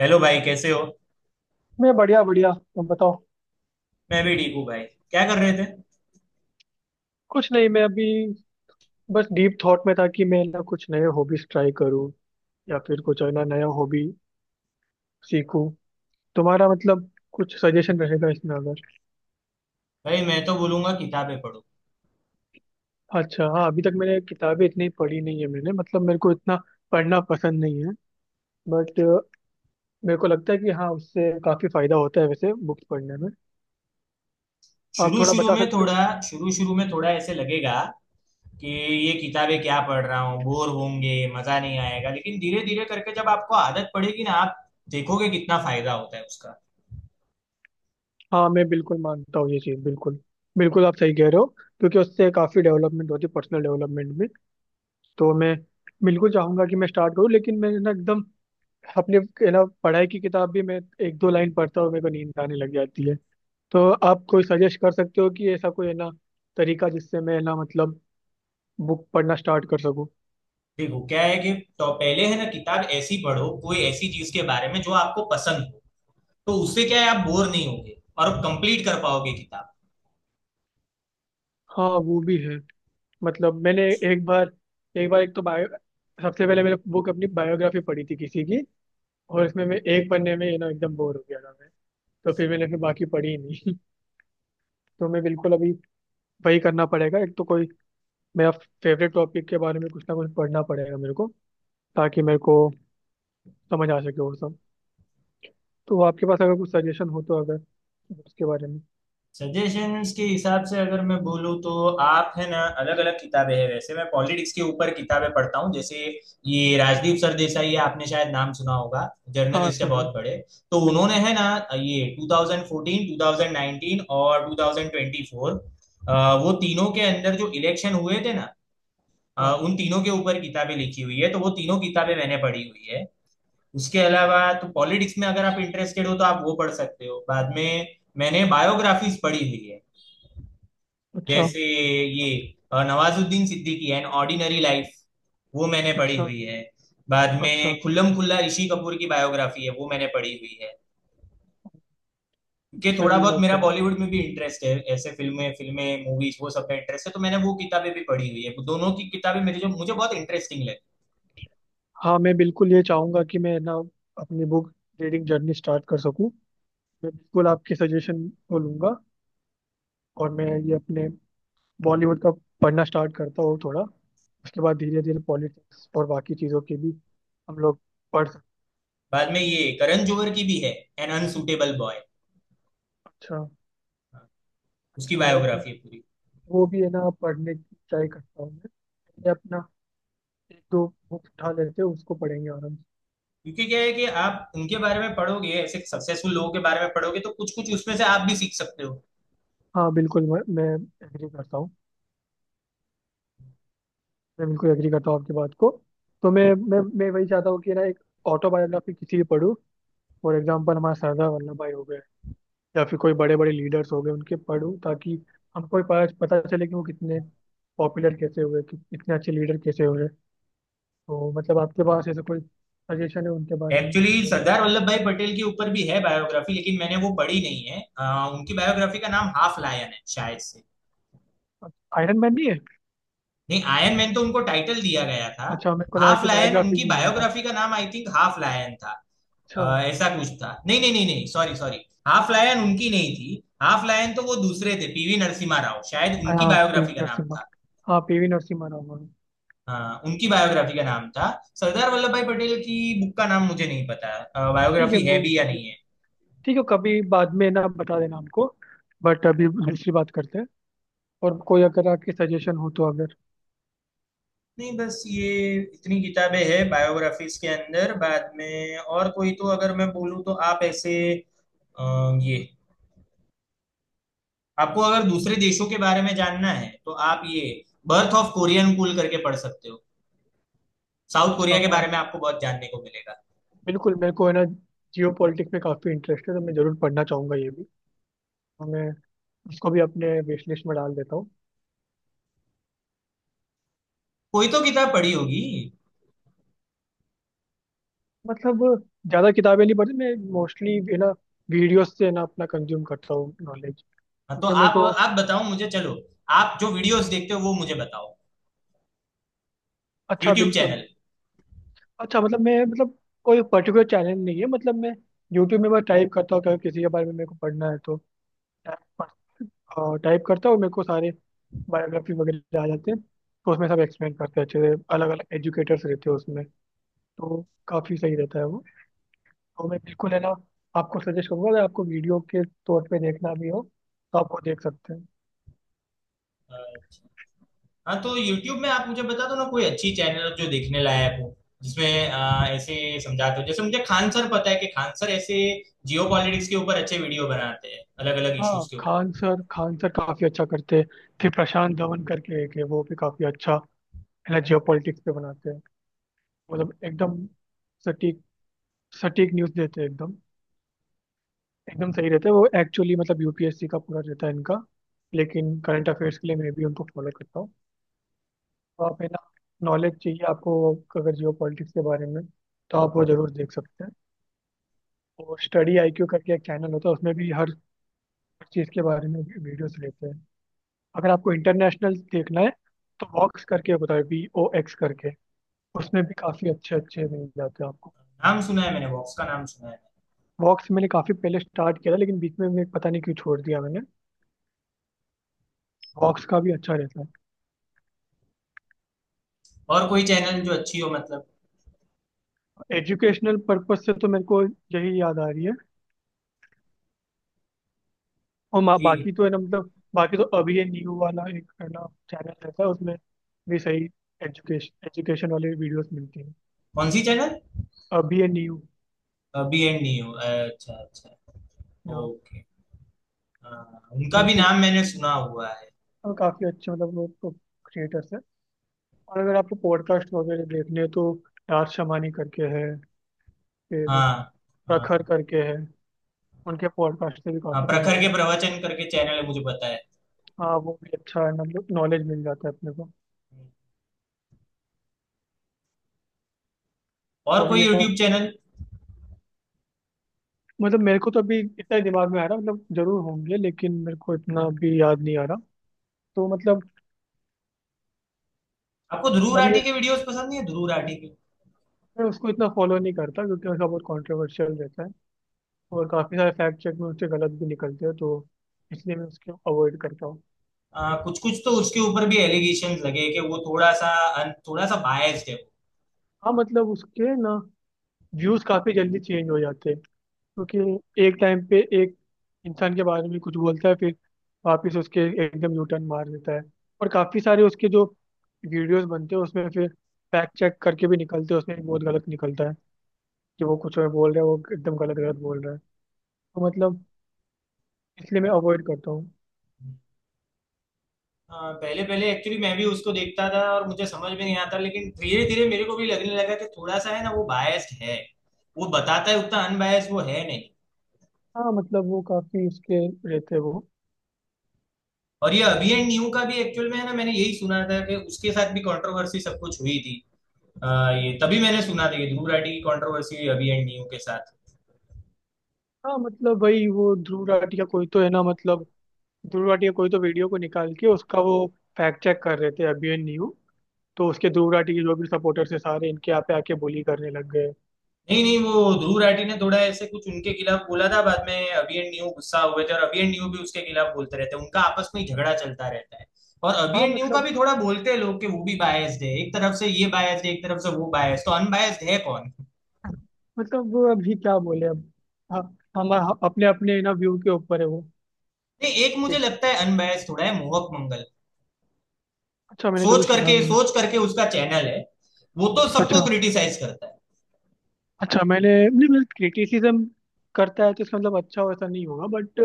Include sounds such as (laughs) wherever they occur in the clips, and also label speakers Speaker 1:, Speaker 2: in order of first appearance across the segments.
Speaker 1: Hello भाई कैसे हो।
Speaker 2: मैं बढ़िया बढ़िया। तुम बताओ।
Speaker 1: मैं भी ठीक हूँ भाई। क्या कर रहे थे?
Speaker 2: कुछ नहीं, मैं अभी बस डीप थॉट में था कि मैं ना कुछ नए हॉबीज ट्राई करूँ या फिर कुछ है ना, नया हॉबी सीखूं। तुम्हारा मतलब, कुछ सजेशन रहेगा इसमें अगर।
Speaker 1: भाई मैं तो बोलूंगा किताबें पढ़ो।
Speaker 2: अच्छा, हाँ, अभी तक मैंने किताबें इतनी पढ़ी नहीं है। मैंने मतलब मेरे को इतना पढ़ना पसंद नहीं है। बट मेरे को लगता है कि हाँ, उससे काफी फायदा होता है वैसे बुक्स पढ़ने में। आप
Speaker 1: शुरू
Speaker 2: थोड़ा
Speaker 1: शुरू
Speaker 2: बता
Speaker 1: में
Speaker 2: सकते हो?
Speaker 1: थोड़ा शुरू शुरू में थोड़ा ऐसे लगेगा कि ये किताबें क्या पढ़ रहा हूँ, बोर होंगे मजा नहीं आएगा, लेकिन धीरे धीरे करके जब आपको आदत पड़ेगी ना, आप देखोगे कितना फायदा होता है उसका।
Speaker 2: हाँ, मैं बिल्कुल मानता हूँ ये चीज़। बिल्कुल बिल्कुल, आप सही कह रहे हो। क्योंकि उससे काफी डेवलपमेंट होती है पर्सनल डेवलपमेंट में। तो मैं बिल्कुल चाहूंगा कि मैं स्टार्ट करूँ, लेकिन मैं ना एकदम अपने, है ना, पढ़ाई की किताब भी मैं एक दो लाइन पढ़ता हूँ, मेरे को नींद आने लग जाती है। तो आप कोई सजेस्ट कर सकते हो कि ऐसा कोई, है ना, तरीका जिससे मैं, है ना, मतलब बुक पढ़ना स्टार्ट कर सकूँ?
Speaker 1: देखो क्या है कि, तो पहले है ना किताब ऐसी पढ़ो कोई ऐसी चीज के बारे में जो आपको पसंद हो, तो उससे क्या है, आप बोर नहीं होगे और कंप्लीट कर पाओगे किताब।
Speaker 2: हाँ, वो भी है। मतलब मैंने एक बार, एक बार, एक तो बायो सबसे पहले मैंने बुक अपनी बायोग्राफी पढ़ी थी किसी की। और इसमें मैं एक पन्ने में एकदम बोर हो गया था मैं। तो फिर मैंने फिर बाकी पढ़ी ही नहीं। (laughs) तो मैं बिल्कुल अभी वही करना पड़ेगा, एक तो कोई मेरा फेवरेट टॉपिक के बारे में कुछ ना कुछ पढ़ना पड़ेगा मेरे को, ताकि मेरे को समझ आ सके वो सब। तो आपके पास अगर कुछ सजेशन हो तो, अगर उसके बारे में।
Speaker 1: सजेशंस के हिसाब से अगर मैं बोलूँ तो, आप है ना अलग अलग किताबें हैं। वैसे मैं पॉलिटिक्स के ऊपर किताबें पढ़ता हूँ। जैसे ये राजदीप सरदेसाई है, आपने शायद नाम सुना होगा,
Speaker 2: हाँ
Speaker 1: जर्नलिस्ट है
Speaker 2: सुना है।
Speaker 1: बहुत बड़े। तो
Speaker 2: बिल्कुल
Speaker 1: उन्होंने
Speaker 2: सुना
Speaker 1: है ना ये 2014, 2019 और 2024, वो तीनों के अंदर जो इलेक्शन हुए थे ना,
Speaker 2: है। हाँ।
Speaker 1: उन तीनों के ऊपर किताबें लिखी हुई है, तो वो तीनों किताबें मैंने पढ़ी हुई है। उसके अलावा तो पॉलिटिक्स में अगर आप इंटरेस्टेड हो तो आप वो पढ़ सकते हो। बाद में मैंने बायोग्राफीज पढ़ी हुई है।
Speaker 2: अच्छा।
Speaker 1: जैसे ये Nawazuddin Siddiqui an ordinary life, वो मैंने पढ़ी
Speaker 2: अच्छा।
Speaker 1: हुई है। बाद
Speaker 2: अच्छा।
Speaker 1: में खुल्लम खुल्ला ऋषि कपूर की बायोग्राफी है, वो मैंने पढ़ी हुई है। क्योंकि थोड़ा
Speaker 2: सही
Speaker 1: बहुत मेरा
Speaker 2: लगता है।
Speaker 1: बॉलीवुड में भी इंटरेस्ट है, ऐसे फिल्में फिल्में मूवीज वो सब में इंटरेस्ट है, तो मैंने वो किताबें भी पढ़ी हुई है। दोनों की किताबें मेरे, जो मुझे बहुत इंटरेस्टिंग लगी।
Speaker 2: हाँ, मैं बिल्कुल ये चाहूंगा कि मैं ना अपनी बुक रीडिंग जर्नी स्टार्ट कर सकूँ। मैं बिल्कुल आपके सजेशन को लूंगा। और मैं ये अपने बॉलीवुड का पढ़ना स्टार्ट करता हूँ थोड़ा, उसके बाद धीरे धीरे पॉलिटिक्स और बाकी चीज़ों के भी हम लोग पढ़ सकते।
Speaker 1: बाद में ये करण जोहर की भी है, एन अनसुटेबल बॉय,
Speaker 2: अच्छा।
Speaker 1: उसकी
Speaker 2: अच्छा। वो
Speaker 1: बायोग्राफी है पूरी।
Speaker 2: वो भी है ना, पढ़ने की ट्राई करता हूँ मैं। मैं अपना एक दो बुक उठा लेते हैं, उसको पढ़ेंगे आराम से।
Speaker 1: क्योंकि क्या है कि आप उनके बारे में पढ़ोगे, ऐसे सक्सेसफुल लोगों के बारे में पढ़ोगे, तो कुछ कुछ उसमें से आप भी सीख सकते हो।
Speaker 2: हाँ बिल्कुल, मैं एग्री करता हूँ। मैं बिल्कुल एग्री करता हूँ आपकी बात को। तो मैं वही चाहता हूँ कि ना एक ऑटोबायोग्राफी किसी की पढूं। फॉर एग्जाम्पल हमारा सरदार वल्लभ भाई हो गए, या फिर कोई बड़े बड़े लीडर्स हो गए, उनके पढूं ताकि हमको भी पता पता चले कि वो कितने पॉपुलर कैसे हुए, कि कितने अच्छे लीडर कैसे हुए। तो मतलब आपके पास ऐसा कोई सजेशन है उनके बारे में?
Speaker 1: एक्चुअली
Speaker 2: तो,
Speaker 1: सरदार वल्लभ भाई पटेल के ऊपर भी है बायोग्राफी, लेकिन मैंने वो पढ़ी नहीं है। उनकी बायोग्राफी का नाम हाफ लायन है शायद से।
Speaker 2: आयरन मैन नहीं है?
Speaker 1: नहीं, आयरन मैन तो उनको टाइटल दिया गया था।
Speaker 2: अच्छा, मेरे को लगा
Speaker 1: हाफ
Speaker 2: कि
Speaker 1: लायन
Speaker 2: बायोग्राफी
Speaker 1: उनकी
Speaker 2: भी होगा।
Speaker 1: बायोग्राफी का नाम, आई थिंक हाफ लायन था।
Speaker 2: अच्छा।
Speaker 1: अ, ऐसा कुछ था, नहीं नहीं नहीं नहीं, सॉरी सॉरी। हाफ लायन उनकी नहीं थी, हाफ लायन तो वो दूसरे थे, पीवी नरसिम्हा राव, शायद उनकी
Speaker 2: हाँ
Speaker 1: बायोग्राफी
Speaker 2: पीवी
Speaker 1: का नाम
Speaker 2: नरसिम्हा।
Speaker 1: था।
Speaker 2: हाँ पीवी नरसिम्हा राव वाला।
Speaker 1: हाँ, उनकी बायोग्राफी का नाम था। सरदार वल्लभ भाई पटेल की बुक का नाम मुझे नहीं पता,
Speaker 2: ठीक है
Speaker 1: बायोग्राफी है
Speaker 2: वो,
Speaker 1: भी या नहीं है।
Speaker 2: ठीक है, कभी बाद में ना बता देना हमको। बट अभी दूसरी बात करते हैं। और कोई अगर आपके सजेशन हो तो, अगर।
Speaker 1: नहीं बस ये इतनी किताबें हैं बायोग्राफीज के अंदर। बाद में और कोई तो अगर मैं बोलूँ तो, आप ऐसे अ, ये आपको अगर दूसरे देशों के बारे में जानना है तो आप ये बर्थ ऑफ कोरियन कूल करके पढ़ सकते हो। साउथ
Speaker 2: अच्छा
Speaker 1: कोरिया के
Speaker 2: हाँ,
Speaker 1: बारे में आपको बहुत जानने को मिलेगा।
Speaker 2: बिल्कुल मेरे को है ना जियो पॉलिटिक्स में काफ़ी इंटरेस्ट है, तो मैं ज़रूर पढ़ना चाहूँगा ये भी। तो मैं इसको भी अपने विश लिस्ट में डाल देता हूँ।
Speaker 1: कोई तो किताब पढ़ी होगी।
Speaker 2: मतलब ज़्यादा किताबें नहीं पढ़ती मैं, मोस्टली है ना वीडियोस से है ना अपना कंज्यूम करता हूँ नॉलेज।
Speaker 1: हाँ, तो
Speaker 2: क्योंकि मेरे को।
Speaker 1: आप बताओ मुझे चलो। आप जो वीडियोस देखते हो वो मुझे बताओ,
Speaker 2: अच्छा,
Speaker 1: यूट्यूब
Speaker 2: बिल्कुल।
Speaker 1: चैनल।
Speaker 2: अच्छा, मतलब मैं मतलब, कोई पर्टिकुलर चैनल नहीं है, मतलब मैं यूट्यूब में बस टाइप करता हूँ, कभी किसी के बारे में मेरे को पढ़ना है तो टाइप करता हूँ, मेरे को सारे बायोग्राफी वगैरह आ जाते हैं। तो उसमें सब एक्सप्लेन करते हैं अच्छे से, अलग अलग एजुकेटर्स रहते हैं उसमें। तो काफ़ी सही रहता है वो। तो मैं बिल्कुल है ना आपको सजेस्ट करूँगा, अगर आपको वीडियो के तौर पे देखना भी हो तो आप वो देख सकते हैं।
Speaker 1: हाँ, तो YouTube में आप मुझे बता दो ना कोई अच्छी चैनल जो देखने लायक हो, जिसमें ऐसे समझाते हो, जैसे मुझे खान सर पता है कि खान सर ऐसे जियो पॉलिटिक्स के ऊपर अच्छे वीडियो बनाते हैं, अलग अलग इश्यूज
Speaker 2: हाँ,
Speaker 1: के ऊपर।
Speaker 2: खान सर, खान सर काफ़ी अच्छा करते हैं। फिर प्रशांत धवन करके एक है, वो भी काफ़ी अच्छा है ना, जियो पे बनाते हैं। मतलब एकदम सटीक सटीक न्यूज़ देते हैं, एकदम एकदम सही रहते हैं वो। एक्चुअली मतलब यूपीएससी का पूरा रहता है इनका। लेकिन करंट अफेयर्स के लिए मैं भी उनको फॉलो करता हूँ। तो आप, है ना, नॉलेज चाहिए आपको अगर जियो पॉलिटिक्स के बारे में, तो आप वो जरूर देख सकते हैं। और स्टडी आईक्यू करके एक चैनल होता है, उसमें भी हर चीज़ के बारे में वीडियोस लेते हैं। अगर आपको इंटरनेशनल देखना है, तो वॉक्स करके होता है, VOX करके, उसमें भी काफ़ी अच्छे अच्छे मिल जाते हैं आपको।
Speaker 1: नाम सुना है, मैंने वॉक्स का नाम सुना है।
Speaker 2: वॉक्स मैंने काफी पहले स्टार्ट किया था, लेकिन बीच में मैं पता नहीं क्यों छोड़ दिया मैंने। वॉक्स का भी अच्छा रहता
Speaker 1: और कोई चैनल जो अच्छी हो मतलब?
Speaker 2: है। एजुकेशनल पर्पज से तो मेरे को यही याद आ रही है। और
Speaker 1: ठीक है।
Speaker 2: बाकी तो है ना, मतलब बाकी तो अभी ये न्यू वाला एक है ना चैनल रहता है, उसमें भी सही। एजुकेशन एजुकेशन वाले वीडियोस मिलती हैं।
Speaker 1: कौन सी चैनल?
Speaker 2: अभी ये न्यू
Speaker 1: बी एंड न्यू, अच्छा अच्छा, ओके। हाँ, उनका भी
Speaker 2: उनकी,
Speaker 1: नाम मैंने सुना हुआ है।
Speaker 2: और काफी अच्छे मतलब वो तो क्रिएटर्स है। और अगर आपको पॉडकास्ट वगैरह देखने हैं, तो यार शमानी करके है, फिर
Speaker 1: हाँ हाँ।
Speaker 2: प्रखर
Speaker 1: हाँ,
Speaker 2: करके है, उनके पॉडकास्ट से भी
Speaker 1: हाँ,
Speaker 2: काफी कुछ मिल
Speaker 1: प्रखर के
Speaker 2: जाता है।
Speaker 1: प्रवचन करके चैनल है, मुझे पता है।
Speaker 2: हाँ वो भी अच्छा है, मतलब नॉलेज मिल जाता है अपने को। तो
Speaker 1: और
Speaker 2: अभी
Speaker 1: कोई
Speaker 2: ये ना,
Speaker 1: यूट्यूब चैनल?
Speaker 2: मतलब मेरे को तो अभी इतना दिमाग में आ रहा, मतलब जरूर होंगे लेकिन मेरे को इतना अभी याद नहीं आ रहा, तो मतलब।
Speaker 1: आपको ध्रुव
Speaker 2: अब ये,
Speaker 1: राठी के वीडियोस पसंद नहीं है, ध्रुव राठी के?
Speaker 2: मैं उसको इतना फॉलो नहीं करता क्योंकि उसका बहुत कॉन्ट्रोवर्शियल रहता है। और काफ़ी सारे फैक्ट चेक में उससे गलत भी निकलते हैं, तो इसलिए मैं उसको अवॉइड करता हूँ।
Speaker 1: कुछ कुछ तो उसके ऊपर भी एलिगेशन लगे कि वो थोड़ा सा, थोड़ा सा बायस्ड है।
Speaker 2: हाँ मतलब उसके ना व्यूज़ काफ़ी जल्दी चेंज हो जाते हैं। क्योंकि एक टाइम पे एक इंसान के बारे में कुछ बोलता है, फिर वापस उसके एकदम यू टर्न मार देता है। और काफी सारे उसके जो वीडियोस बनते हैं उसमें फिर फैक्ट चेक करके भी निकलते हैं, उसमें भी बहुत गलत निकलता है, कि वो कुछ और बोल रहा है, वो एकदम गलत गलत बोल रहा है। तो मतलब इसलिए मैं अवॉइड करता हूँ।
Speaker 1: वो पहले पहले एक्चुअली मैं भी उसको देखता था और मुझे समझ में नहीं आता, लेकिन धीरे धीरे मेरे को भी लगने लगा कि थोड़ा सा है ना वो बायस्ड है, वो बताता है उतना अनबायस्ड वो है नहीं।
Speaker 2: हाँ मतलब, वो काफी उसके रहते हैं वो।
Speaker 1: और ये अभी एंड न्यू का भी एक्चुअल में है ना, मैंने यही सुना था कि उसके साथ भी कंट्रोवर्सी सब कुछ हुई थी। अ, ये तभी मैंने सुना था, ये ध्रुव राठी की कंट्रोवर्सी हुई अभी एंड न्यू के साथ।
Speaker 2: हाँ मतलब वही, वो ध्रुव राठी का कोई तो है ना, मतलब ध्रुव राठी का कोई तो वीडियो को निकाल के उसका वो फैक्ट चेक कर रहे थे अभी एंड न्यू। तो उसके ध्रुव राठी के जो भी सपोर्टर्स है, सारे इनके यहाँ पे आके बोली करने लग गए।
Speaker 1: नहीं नहीं, वो ध्रुव राठी ने थोड़ा ऐसे कुछ उनके खिलाफ बोला था, बाद में अभी एंड न्यू गुस्सा हुए थे, और अभी एंड न्यू भी उसके खिलाफ बोलते रहते हैं, उनका आपस में ही झगड़ा चलता रहता है। और अभी
Speaker 2: हाँ
Speaker 1: एंड न्यू का
Speaker 2: मतलब
Speaker 1: भी थोड़ा बोलते हैं लोग कि वो भी बायस्ड है, एक तरफ से ये बायस्ड है एक तरफ से वो बायस्ड, तो अनबायस्ड है कौन?
Speaker 2: मतलब वो अभी क्या बोले अब। हाँ हम अपने अपने ना व्यू के ऊपर है वो।
Speaker 1: नहीं, एक मुझे
Speaker 2: ठीक।
Speaker 1: लगता है अनबायस्ड थोड़ा है, मोहक मंगल।
Speaker 2: अच्छा मैंने कभी सुना नहीं
Speaker 1: सोच
Speaker 2: है।
Speaker 1: करके उसका चैनल है, वो तो सबको
Speaker 2: अच्छा।
Speaker 1: क्रिटिसाइज करता है।
Speaker 2: अच्छा, मैंने नहीं, मतलब क्रिटिसिज्म करता है तो इसका मतलब अच्छा वैसा नहीं होगा। बट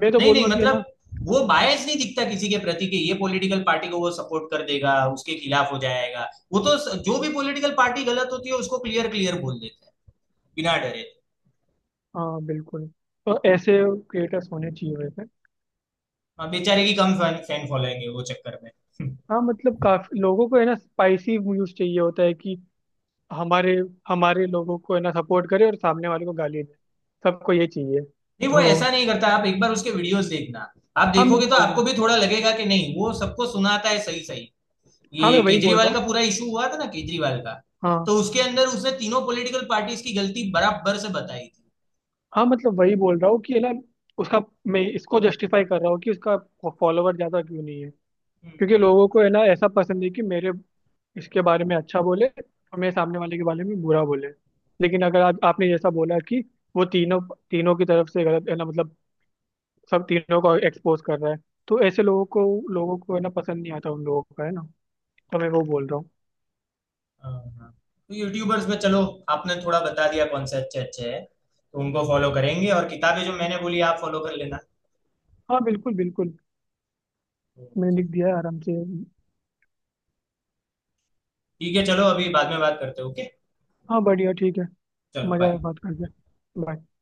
Speaker 2: मैं तो
Speaker 1: नहीं नहीं
Speaker 2: बोलूंगा कि है ना।
Speaker 1: मतलब, वो बायस नहीं दिखता किसी के प्रति कि ये पॉलिटिकल पार्टी को वो सपोर्ट कर देगा, उसके खिलाफ हो जाएगा। वो तो जो भी पॉलिटिकल पार्टी गलत होती है उसको क्लियर क्लियर बोल देता है, बिना डरे।
Speaker 2: हाँ बिल्कुल। तो ऐसे क्रिएटर्स होने चाहिए वैसे।
Speaker 1: हाँ, बेचारे की कम फैन फैन फॉलोइंग है, वो चक्कर में (laughs)
Speaker 2: हाँ मतलब, काफी लोगों को है ना स्पाइसी न्यूज चाहिए होता है कि हमारे हमारे लोगों को है ना सपोर्ट करे और सामने वाले को गाली दे। सबको ये चाहिए।
Speaker 1: नहीं वो
Speaker 2: तो
Speaker 1: ऐसा नहीं करता, आप एक बार उसके वीडियोस देखना, आप
Speaker 2: हाँ मैं
Speaker 1: देखोगे तो
Speaker 2: बोल रहा
Speaker 1: आपको
Speaker 2: हूँ।
Speaker 1: भी थोड़ा लगेगा कि नहीं, वो सबको सुनाता है सही सही।
Speaker 2: हाँ मैं
Speaker 1: ये
Speaker 2: वही बोल रहा
Speaker 1: केजरीवाल
Speaker 2: हूँ।
Speaker 1: का पूरा इशू हुआ था ना, केजरीवाल का
Speaker 2: हाँ
Speaker 1: तो उसके अंदर उसने तीनों पॉलिटिकल पार्टीज की गलती बराबर से बताई थी।
Speaker 2: हाँ, मतलब वही बोल रहा हूँ कि है ना उसका, मैं इसको जस्टिफाई कर रहा हूँ कि उसका फॉलोवर ज़्यादा क्यों नहीं है। क्योंकि
Speaker 1: हम्म।
Speaker 2: लोगों को है ना ऐसा पसंद है कि मेरे इसके बारे में अच्छा बोले और मेरे सामने वाले के बारे में बुरा बोले। लेकिन अगर आप आपने जैसा बोला, कि वो तीनों तीनों की तरफ से गलत है ना, मतलब सब तीनों को एक्सपोज कर रहा है। तो ऐसे लोगों को है ना पसंद नहीं आता उन लोगों का है ना। तो मैं वो बोल रहा हूँ।
Speaker 1: हाँ। तो यूट्यूबर्स में चलो, आपने थोड़ा बता दिया कौन से अच्छे अच्छे हैं, तो उनको फॉलो करेंगे, और किताबें जो मैंने बोली आप फॉलो कर लेना।
Speaker 2: हाँ बिल्कुल बिल्कुल। मैंने
Speaker 1: ओके।
Speaker 2: लिख दिया है आराम से।
Speaker 1: ठीक है चलो, अभी बाद में बात करते हैं। ओके।
Speaker 2: हाँ बढ़िया, ठीक है।
Speaker 1: चलो
Speaker 2: मजा आया
Speaker 1: बाय।
Speaker 2: बात करके। Bye.